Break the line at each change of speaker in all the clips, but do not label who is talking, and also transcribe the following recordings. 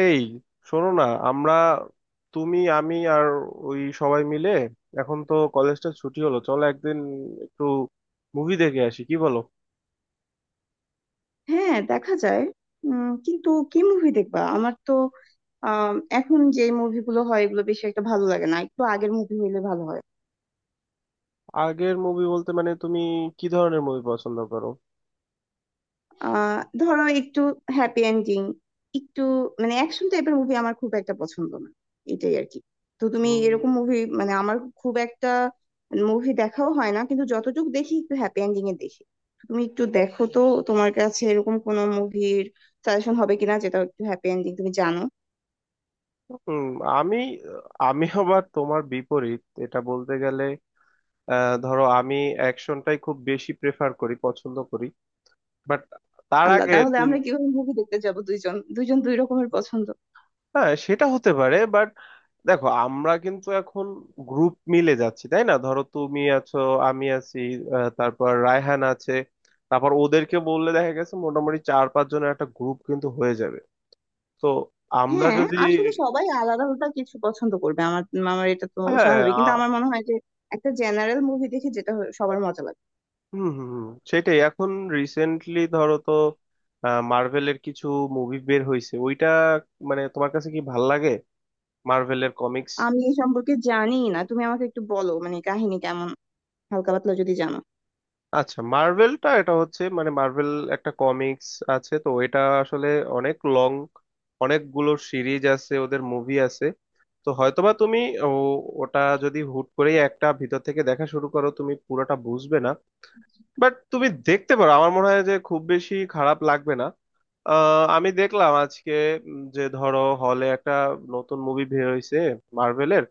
এই, শোনো না। আমরা তুমি আমি আর ওই সবাই মিলে, এখন তো কলেজটা ছুটি হলো, চলো একদিন একটু মুভি দেখে আসি, কি বলো?
হ্যাঁ, দেখা যায়। কিন্তু কি মুভি দেখবা? আমার তো আম, এখন যে মুভিগুলো হয় এগুলো বেশি একটা ভালো লাগে না, একটু আগের মুভি হইলে ভালো হয়।
আগের মুভি বলতে মানে তুমি কি ধরনের মুভি পছন্দ করো?
ধরো, একটু হ্যাপি এন্ডিং, একটু মানে অ্যাকশন টাইপের মুভি আমার খুব একটা পছন্দ না, এটাই আর কি। তো তুমি
উম,
এরকম মুভি মানে আমার খুব একটা মুভি দেখাও হয় না, কিন্তু যতটুকু দেখি একটু হ্যাপি এন্ডিং এ দেখি। তুমি একটু দেখো তো, তোমার কাছে এরকম কোনো মুভির সাজেশন হবে কিনা, যেটা একটু হ্যাপি এন্ডিং, তুমি জানো।
উম, আমি আমি আবার তোমার বিপরীত এটা বলতে গেলে। ধরো আমি অ্যাকশনটাই খুব বেশি প্রেফার করি, পছন্দ করি। বাট তার
আল্লাহ,
আগে
তাহলে
তুমি।
আমরা কিভাবে মুভি দেখতে যাব? দুইজন দুইজন দুই রকমের পছন্দ।
হ্যাঁ, সেটা হতে পারে, বাট দেখো, আমরা কিন্তু এখন গ্রুপ মিলে যাচ্ছি, তাই না? ধরো তুমি আছো, আমি আছি, তারপর রায়হান আছে, তারপর ওদেরকে বললে দেখা গেছে মোটামুটি চার পাঁচ জনের একটা গ্রুপ কিন্তু হয়ে যাবে। তো আমরা
হ্যাঁ,
যদি
আসলে সবাই আলাদা আলাদা কিছু পছন্দ করবে, আমার আমার এটা তো
হ্যাঁ
স্বাভাবিক, কিন্তু
আ-
আমার মনে হয় যে একটা জেনারেল মুভি দেখে, যেটা হয় সবার মজা লাগে।
হুম হুম হুম, সেটাই এখন। রিসেন্টলি ধরো তো মার্ভেলের কিছু মুভি বের হয়েছে, ওইটা মানে তোমার কাছে কি ভাল লাগে মার্ভেলের কমিক্স?
আমি এই সম্পর্কে জানি না, তুমি আমাকে একটু বলো মানে কাহিনী কেমন, হালকা পাতলা যদি জানো।
আচ্ছা, মার্ভেলটা হচ্ছে মানে মার্ভেল একটা কমিক্স আছে তো, এটা আসলে অনেক লং, অনেকগুলো সিরিজ আছে, ওদের মুভি আছে। তো হয়তোবা তুমি ও ওটা যদি হুট করেই একটা ভিতর থেকে দেখা শুরু করো, তুমি পুরোটা বুঝবে না। বাট তুমি দেখতে পারো, আমার মনে হয় যে খুব বেশি খারাপ লাগবে না। আমি দেখলাম আজকে যে ধরো হলে একটা নতুন মুভি বের হয়েছে মার্ভেলের,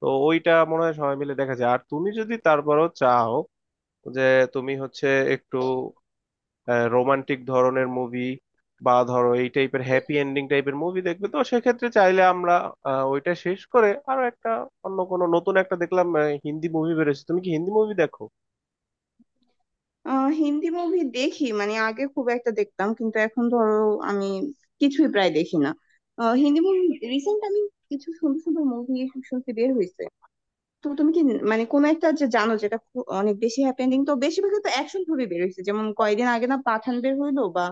তো ওইটা মনে হয় সবাই মিলে দেখা যায়। আর তুমি যদি তারপরও চাও যে তুমি হচ্ছে একটু রোমান্টিক ধরনের মুভি বা ধরো এই টাইপের হ্যাপি এন্ডিং টাইপের মুভি দেখবে, তো সেক্ষেত্রে চাইলে আমরা ওইটা শেষ করে আরো একটা অন্য কোনো নতুন একটা দেখলাম। হিন্দি মুভি বেরোছে, তুমি কি হিন্দি মুভি দেখো?
হিন্দি মুভি দেখি, মানে আগে খুব একটা দেখতাম কিন্তু এখন ধরো আমি কিছুই প্রায় দেখি না। হিন্দি মুভি রিসেন্ট আমি কিছু সুন্দর সুন্দর মুভি শুনতে বের হয়েছে। তো তুমি কি মানে কোন একটা, যে জানো, যেটা অনেক বেশি হ্যাপেনিং? তো বেশিরভাগই তো অ্যাকশন মুভি বের হয়েছে, যেমন কয়েকদিন আগে না পাঠান বের হইলো, বা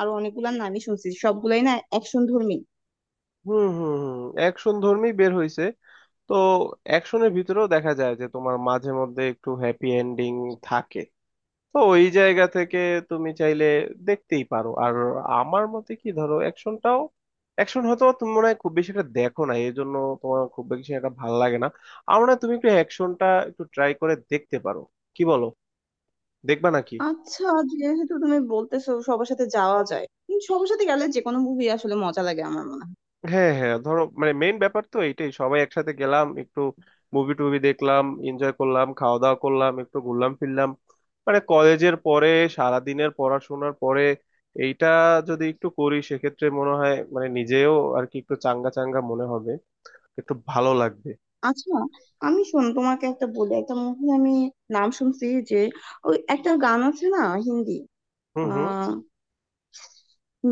আরো অনেকগুলা নামই শুনছি, সবগুলাই না অ্যাকশন ধর্মী।
হুম হুম হুম, অ্যাকশন ধর্মী বের হয়েছে। তো অ্যাকশনের ভিতরেও দেখা যায় যে তোমার মাঝে মধ্যে একটু হ্যাপি এন্ডিং থাকে। তো ওই জায়গা থেকে তুমি চাইলে দেখতেই পারো। আর আমার মতে কি, ধরো অ্যাকশনটাও, অ্যাকশন হয়তো তুমি মনে হয় খুব বেশি একটা দেখো না, এই জন্য তোমার খুব বেশি একটা ভালো লাগে না। আমার মনে হয় তুমি একটু অ্যাকশনটা একটু ট্রাই করে দেখতে পারো, কি বলো? দেখবা নাকি?
আচ্ছা, যেহেতু তুমি বলতেছো সবার সাথে যাওয়া যায়, সবার সাথে গেলে যে কোনো মুভি আসলে মজা লাগে আমার মনে হয়।
হ্যাঁ হ্যাঁ, ধরো মানে মেইন ব্যাপার তো এইটাই, সবাই একসাথে গেলাম, একটু মুভি টুভি দেখলাম, এনজয় করলাম, খাওয়া দাওয়া করলাম, একটু ঘুরলাম ফিরলাম। মানে কলেজের পরে, সারাদিনের পড়াশোনার পরে, এইটা যদি একটু করি সেক্ষেত্রে মনে হয় মানে নিজেও আর কি একটু চাঙ্গা চাঙ্গা মনে হবে, একটু ভালো লাগবে।
আচ্ছা আমি শোন, তোমাকে একটা বলি, একটা মুভি আমি নাম শুনছি, যে ওই একটা গান আছে না হিন্দি,
হুম হুম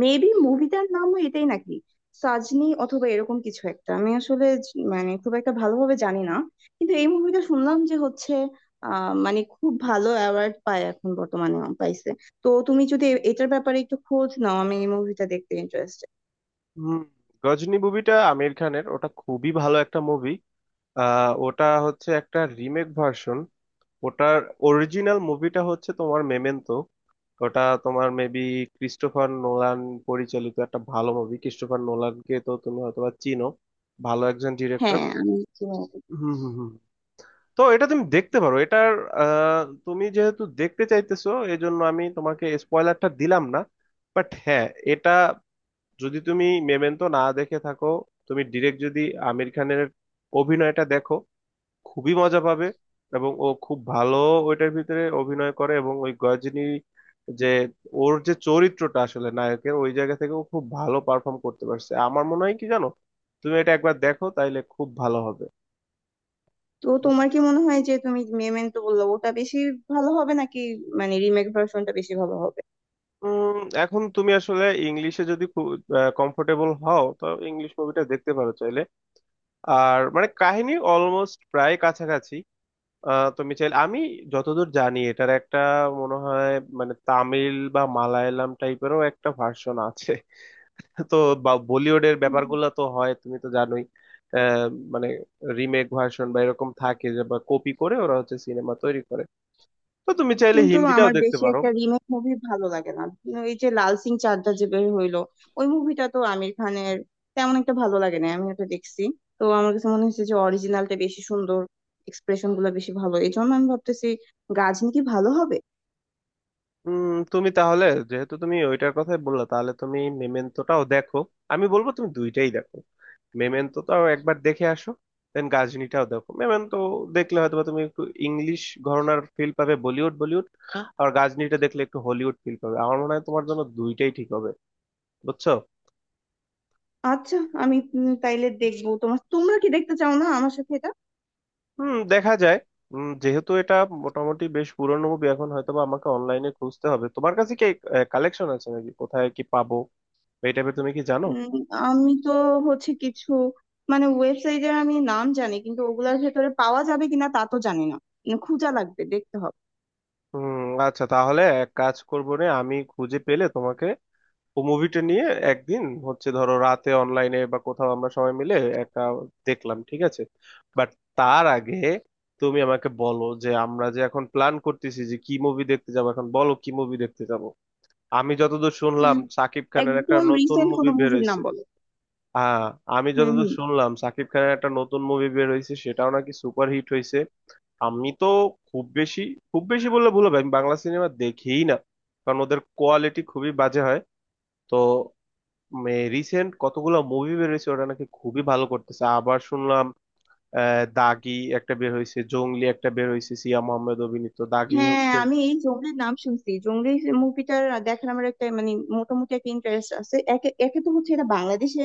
মেবি মুভিটার নামও এটাই নাকি সাজনি অথবা এরকম কিছু একটা, আমি আসলে মানে খুব একটা ভালোভাবে জানি না, কিন্তু এই মুভিটা শুনলাম যে হচ্ছে মানে খুব ভালো অ্যাওয়ার্ড পায় এখন বর্তমানে, পাইছে। তো তুমি যদি এটার ব্যাপারে একটু খোঁজ নাও, আমি এই মুভিটা দেখতে ইন্টারেস্টেড।
হুম, গজনী মুভিটা আমির খানের, ওটা খুবই ভালো একটা মুভি। আহ, ওটা হচ্ছে একটা রিমেক ভার্সন। ওটার অরিজিনাল মুভিটা হচ্ছে তোমার মেমেন্টো। ওটা তোমার মেবি ক্রিস্টোফার নোলান পরিচালিত একটা ভালো মুভি। ক্রিস্টোফার নোলানকে তো তুমি হয়তোবা চিনো, ভালো একজন ডিরেক্টর।
হ্যাঁ, আমি চিনি এটা।
হুম হুম হুম। তো এটা তুমি দেখতে পারো। এটার আহ, তুমি যেহেতু দেখতে চাইতেছো, এজন্য আমি তোমাকে স্পয়লারটা দিলাম না। বাট হ্যাঁ, এটা যদি তুমি মেমেন্টো না দেখে থাকো, তুমি ডিরেক্ট যদি আমির খানের অভিনয়টা দেখো, খুবই মজা পাবে। এবং ও খুব ভালো ওইটার ভিতরে অভিনয় করে। এবং ওই গজনী, যে ওর যে চরিত্রটা আসলে নায়কের ওই জায়গা থেকে, ও খুব ভালো পারফর্ম করতে পারছে। আমার মনে হয় কি জানো, তুমি এটা একবার দেখো, তাইলে খুব ভালো হবে।
তো তোমার
বুঝতে-
কি মনে হয় যে, তুমি মেমেন্টো বললো, ওটা বেশি ভালো হবে নাকি মানে রিমেক ভার্সনটা বেশি ভালো হবে?
উম, এখন তুমি আসলে ইংলিশে যদি খুব কমফোর্টেবল হও তো ইংলিশ মুভিটা দেখতে পারো চাইলে। আর মানে কাহিনী অলমোস্ট প্রায় কাছাকাছি। আহ, তুমি চাইলে আমি যতদূর জানি এটার একটা মনে হয় মানে তামিল বা মালায়ালাম টাইপেরও একটা ভার্সন আছে। তো বা বলিউডের ব্যাপারগুলো তো হয়, তুমি তো জানোই। আহ, মানে রিমেক ভার্সন বা এরকম থাকে, যে বা কপি করে ওরা হচ্ছে সিনেমা তৈরি করে। তো তুমি চাইলে
কিন্তু
হিন্দিটাও
আমার
দেখতে
বেশি
পারো।
একটা রিমেক মুভি ভালো লাগে না, কিন্তু এই যে লাল সিং চাড্ডা যে বের হইলো, ওই মুভিটা তো আমির খানের, তেমন একটা ভালো লাগে না, আমি ওটা দেখছি। তো আমার কাছে মনে হচ্ছে যে অরিজিনালটা বেশি সুন্দর, এক্সপ্রেশন গুলো বেশি ভালো, এই জন্য আমি ভাবতেছি গাজনি কি ভালো হবে।
উম, তুমি তাহলে যেহেতু তুমি ওইটার কথাই বললা, তাহলে তুমি মেমেন্টোটাও দেখো। আমি বলবো তুমি দুইটাই দেখো। মেমেন্টোটাও একবার দেখে আসো, দেন গাজনিটাও দেখো। মেমেন্টো দেখলে হয়তো বা তুমি একটু ইংলিশ ঘরানার ফিল পাবে, বলিউড বলিউড আর গাজনিটা দেখলে একটু হলিউড ফিল পাবে। আমার মনে হয় তোমার জন্য দুইটাই ঠিক হবে, বুঝছো?
আচ্ছা আমি, তাইলে দেখবো। তোমার তোমরা কি দেখতে চাও না আমার সাথে এটা?
হুম, দেখা যায়। উম, যেহেতু এটা মোটামুটি বেশ পুরনো মুভি, এখন হয়তোবা আমাকে অনলাইনে খুঁজতে হবে। তোমার কাছে কি কালেকশন আছে নাকি, কোথায় কি পাবো এই টাইপের, তুমি কি জানো?
উম, আমি তো হচ্ছে কিছু মানে ওয়েবসাইটে আমি নাম জানি, কিন্তু ওগুলার ভেতরে পাওয়া যাবে কিনা তা তো জানি না। খোঁজা লাগবে, দেখতে হবে।
হুম। আচ্ছা, তাহলে এক কাজ করবো রে, আমি খুঁজে পেলে তোমাকে ও মুভিটা নিয়ে একদিন হচ্ছে ধরো রাতে অনলাইনে বা কোথাও আমরা সবাই মিলে একটা দেখলাম, ঠিক আছে। বাট তার আগে তুমি আমাকে বলো যে আমরা যে এখন প্ল্যান করতেছি যে কি মুভি দেখতে যাবো, এখন বলো কি মুভি দেখতে যাব। আমি যতদূর শুনলাম সাকিব খানের একটা
একদম
নতুন
রিসেন্ট
মুভি
কোনো
বের
মুভির নাম
হয়েছে।
বলো।
হ্যাঁ, আমি
হুম,
যতদূর
হুম।
শুনলাম সাকিব খানের একটা নতুন মুভি বের হয়েছে, সেটাও নাকি সুপার হিট হয়েছে। আমি তো খুব বেশি, বললে ভুল হবে, আমি বাংলা সিনেমা দেখিই না, কারণ ওদের কোয়ালিটি খুবই বাজে হয়। তো রিসেন্ট কতগুলো মুভি বেরোইছে, ওটা নাকি খুবই ভালো করতেছে আবার শুনলাম। আহ, দাগি একটা বের হয়েছে, জংলি একটা বের হয়েছে, সিয়া মোহাম্মদ অভিনীত দাগি
হ্যাঁ
হচ্ছে।
আমি এই জংলির নাম শুনছি, জংলি মুভিটার দেখার আমার একটা মানে মোটামুটি একটা ইন্টারেস্ট আছে। একে একে তো হচ্ছে এটা বাংলাদেশে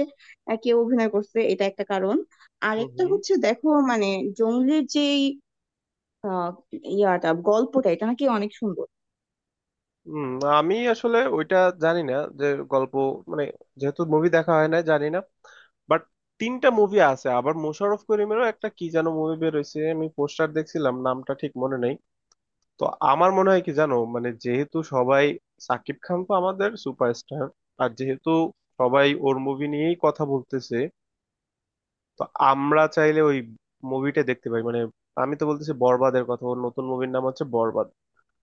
কেউ অভিনয় করছে, এটা একটা কারণ।
হুম
আরেকটা
হুম
হচ্ছে দেখো, মানে জংলির যেই আহ, ইয়াটা গল্পটা, এটা নাকি অনেক সুন্দর।
হুম, আমি আসলে ওইটা জানি না, যে গল্প মানে যেহেতু মুভি দেখা হয় না, জানি না। বাট তিনটা মুভি আছে, আবার মোশাররফ করিমেরও একটা কি যেন মুভি বের হয়েছে, আমি পোস্টার দেখছিলাম, নামটা ঠিক মনে নেই। তো আমার মনে হয় কি জানো মানে যেহেতু সবাই, সাকিব খান তো আমাদের সুপারস্টার, আর যেহেতু সবাই ওর মুভি নিয়েই কথা বলতেছে, তো আমরা চাইলে ওই মুভিটা দেখতে পারি। মানে আমি তো বলতেছি বরবাদের কথা, ওর নতুন মুভির নাম হচ্ছে বরবাদ।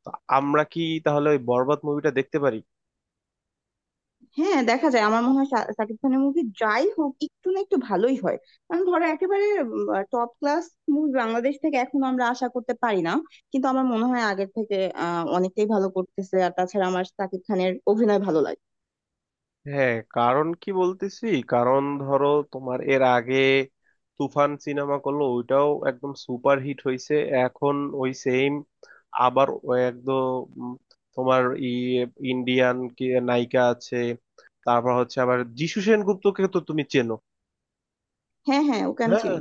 তো আমরা কি তাহলে ওই বরবাদ মুভিটা দেখতে পারি?
হ্যাঁ দেখা যায়, আমার মনে হয় শাকিব খানের মুভি যাই হোক একটু না একটু ভালোই হয়। কারণ ধরো একেবারে টপ ক্লাস মুভি বাংলাদেশ থেকে এখন আমরা আশা করতে পারি না, কিন্তু আমার মনে হয় আগের থেকে অনেকটাই ভালো করতেছে। আর তাছাড়া আমার শাকিব খানের অভিনয় ভালো লাগে।
হ্যাঁ, কারণ কি বলতেছি, কারণ ধরো তোমার এর আগে তুফান সিনেমা করলো, ওইটাও একদম সুপার হিট হয়েছে। এখন ওই সেম আবার ওই একদম উম, তোমার ই ইন্ডিয়ান কি নায়িকা আছে, তারপর হচ্ছে আবার যিশু সেনগুপ্তকে তো তুমি চেনো।
হ্যাঁ হ্যাঁ, ওকে আমি
হ্যাঁ,
চিনি।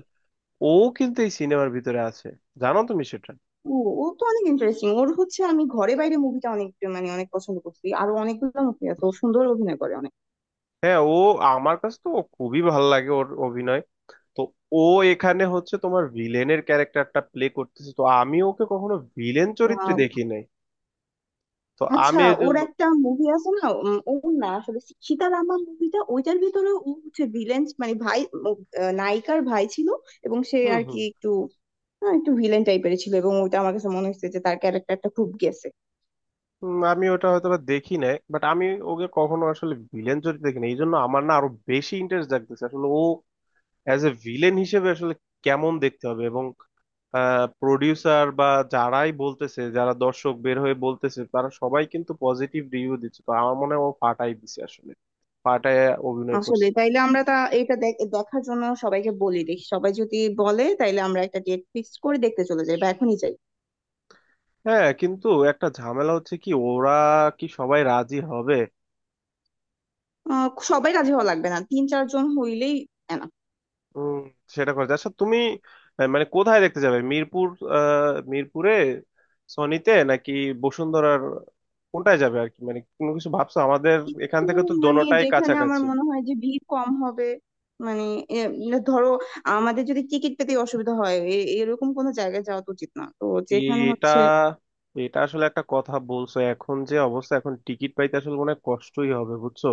ও কিন্তু এই সিনেমার ভিতরে আছে, জানো তুমি সেটা?
ও, ও তো অনেক ইন্টারেস্টিং। ওর হচ্ছে, আমি ঘরে বাইরে মুভিটা অনেক মানে অনেক পছন্দ করছি। আরো অনেকগুলো মুভি আছে, ও সুন্দর অভিনয় করে।
হ্যাঁ, ও আমার কাছে তো ও খুবই ভালো লাগে ওর অভিনয়। তো ও এখানে হচ্ছে তোমার ভিলেনের ক্যারেক্টারটা প্লে করতেছে, তো আমি ওকে কখনো ভিলেন চরিত্রে
অনেক।
দেখি নাই। তো
আচ্ছা
আমি এর
ওর
জন্য
একটা মুভি আছে না, ওর না আসলে সীতারামা মুভিটা, ওইটার ভিতরে ও হচ্ছে ভিলেন মানে ভাই, ও, নায়িকার ভাই ছিল এবং সে
হুম
আর কি
হুম
একটু একটু ভিলেন টাইপের ছিল, এবং ওইটা আমার কাছে মনে হচ্ছে যে তার ক্যারেক্টারটা খুব গেছে।
হুম, আমি ওটা হয়তো বা দেখি নাই, বাট আমি ওকে কখনো আসলে ভিলেন চরিত্রে দেখি নাই, এই জন্য আমার না আরো বেশি ইন্টারেস্ট জাগতেছে আসলে ও অ্যাজ এ ভিলেন হিসেবে আসলে কেমন দেখতে হবে। এবং প্রডিউসার বা যারাই বলতেছে, যারা দর্শক বের হয়ে বলতেছে, তারা সবাই কিন্তু পজিটিভ রিভিউ দিচ্ছে। তো আমার মনে হয় ও ফাটাই দিছে আসলে, ফাটায় অভিনয়
আসলে
করছে।
তাইলে আমরা তা এটা দেখার জন্য সবাইকে বলি, দেখি সবাই যদি বলে, তাইলে আমরা একটা ডেট ফিক্স করে দেখতে চলে যাই বা এখনই যাই।
হ্যাঁ, কিন্তু একটা ঝামেলা হচ্ছে কি, ওরা কি সবাই রাজি হবে?
সবাই রাজি হওয়া লাগবে না, তিন চারজন হইলেই enough।
উম, সেটা করে আচ্ছা তুমি, আহ, মানে কোথায় দেখতে যাবে, মিরপুর? আহ, মিরপুরে সনিতে নাকি বসুন্ধরার, কোনটায় যাবে আর কি, মানে কোনো কিছু ভাবছো? আমাদের এখান
একটু
থেকে তো
মানে
দোনোটাই
যেখানে আমার
কাছাকাছি।
মনে হয় যে ভিড় কম হবে। মানে এ, মানে ধরো আমাদের যদি টিকিট পেতে অসুবিধা হয়, এরকম কোনো জায়গায় যাওয়া তো উচিত না, তো যেখানে
এটা
হচ্ছে।
এটা আসলে একটা কথা বলছো, এখন যে অবস্থা এখন টিকিট পাইতে আসলে মনে হয় কষ্টই হবে, বুঝছো?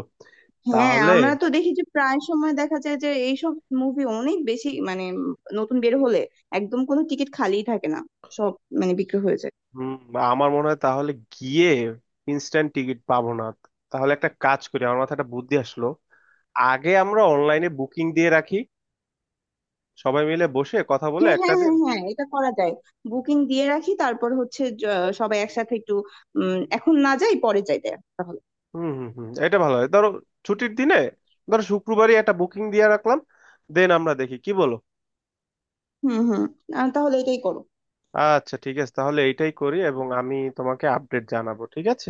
হ্যাঁ,
তাহলে
আমরা তো দেখি যে প্রায় সময় দেখা যায় যে এইসব মুভি অনেক বেশি মানে নতুন বের হলে একদম কোনো টিকিট খালিই থাকে না, সব মানে বিক্রি হয়ে যায়।
হুম, আমার মনে হয় তাহলে গিয়ে ইনস্ট্যান্ট টিকিট পাবো না। তাহলে একটা কাজ করি, আমার মাথায় একটা বুদ্ধি আসলো, আগে আমরা অনলাইনে বুকিং দিয়ে রাখি সবাই মিলে বসে কথা বলে
হ্যাঁ
একটা
হ্যাঁ
দিন।
হ্যাঁ হ্যাঁ, এটা করা যায়। বুকিং দিয়ে রাখি, তারপর হচ্ছে সবাই একসাথে একটু এখন না যাই পরে যাই দেখ তাহলে।
হুম হুম হুম, এটা ভালো হয়। ধরো ছুটির দিনে, ধরো শুক্রবারই একটা বুকিং দিয়ে রাখলাম, দেন আমরা দেখি, কি বলো?
হুম হুম। তাহলে এটাই করো।
আচ্ছা, ঠিক আছে, তাহলে এইটাই করি, এবং আমি তোমাকে আপডেট জানাবো, ঠিক আছে।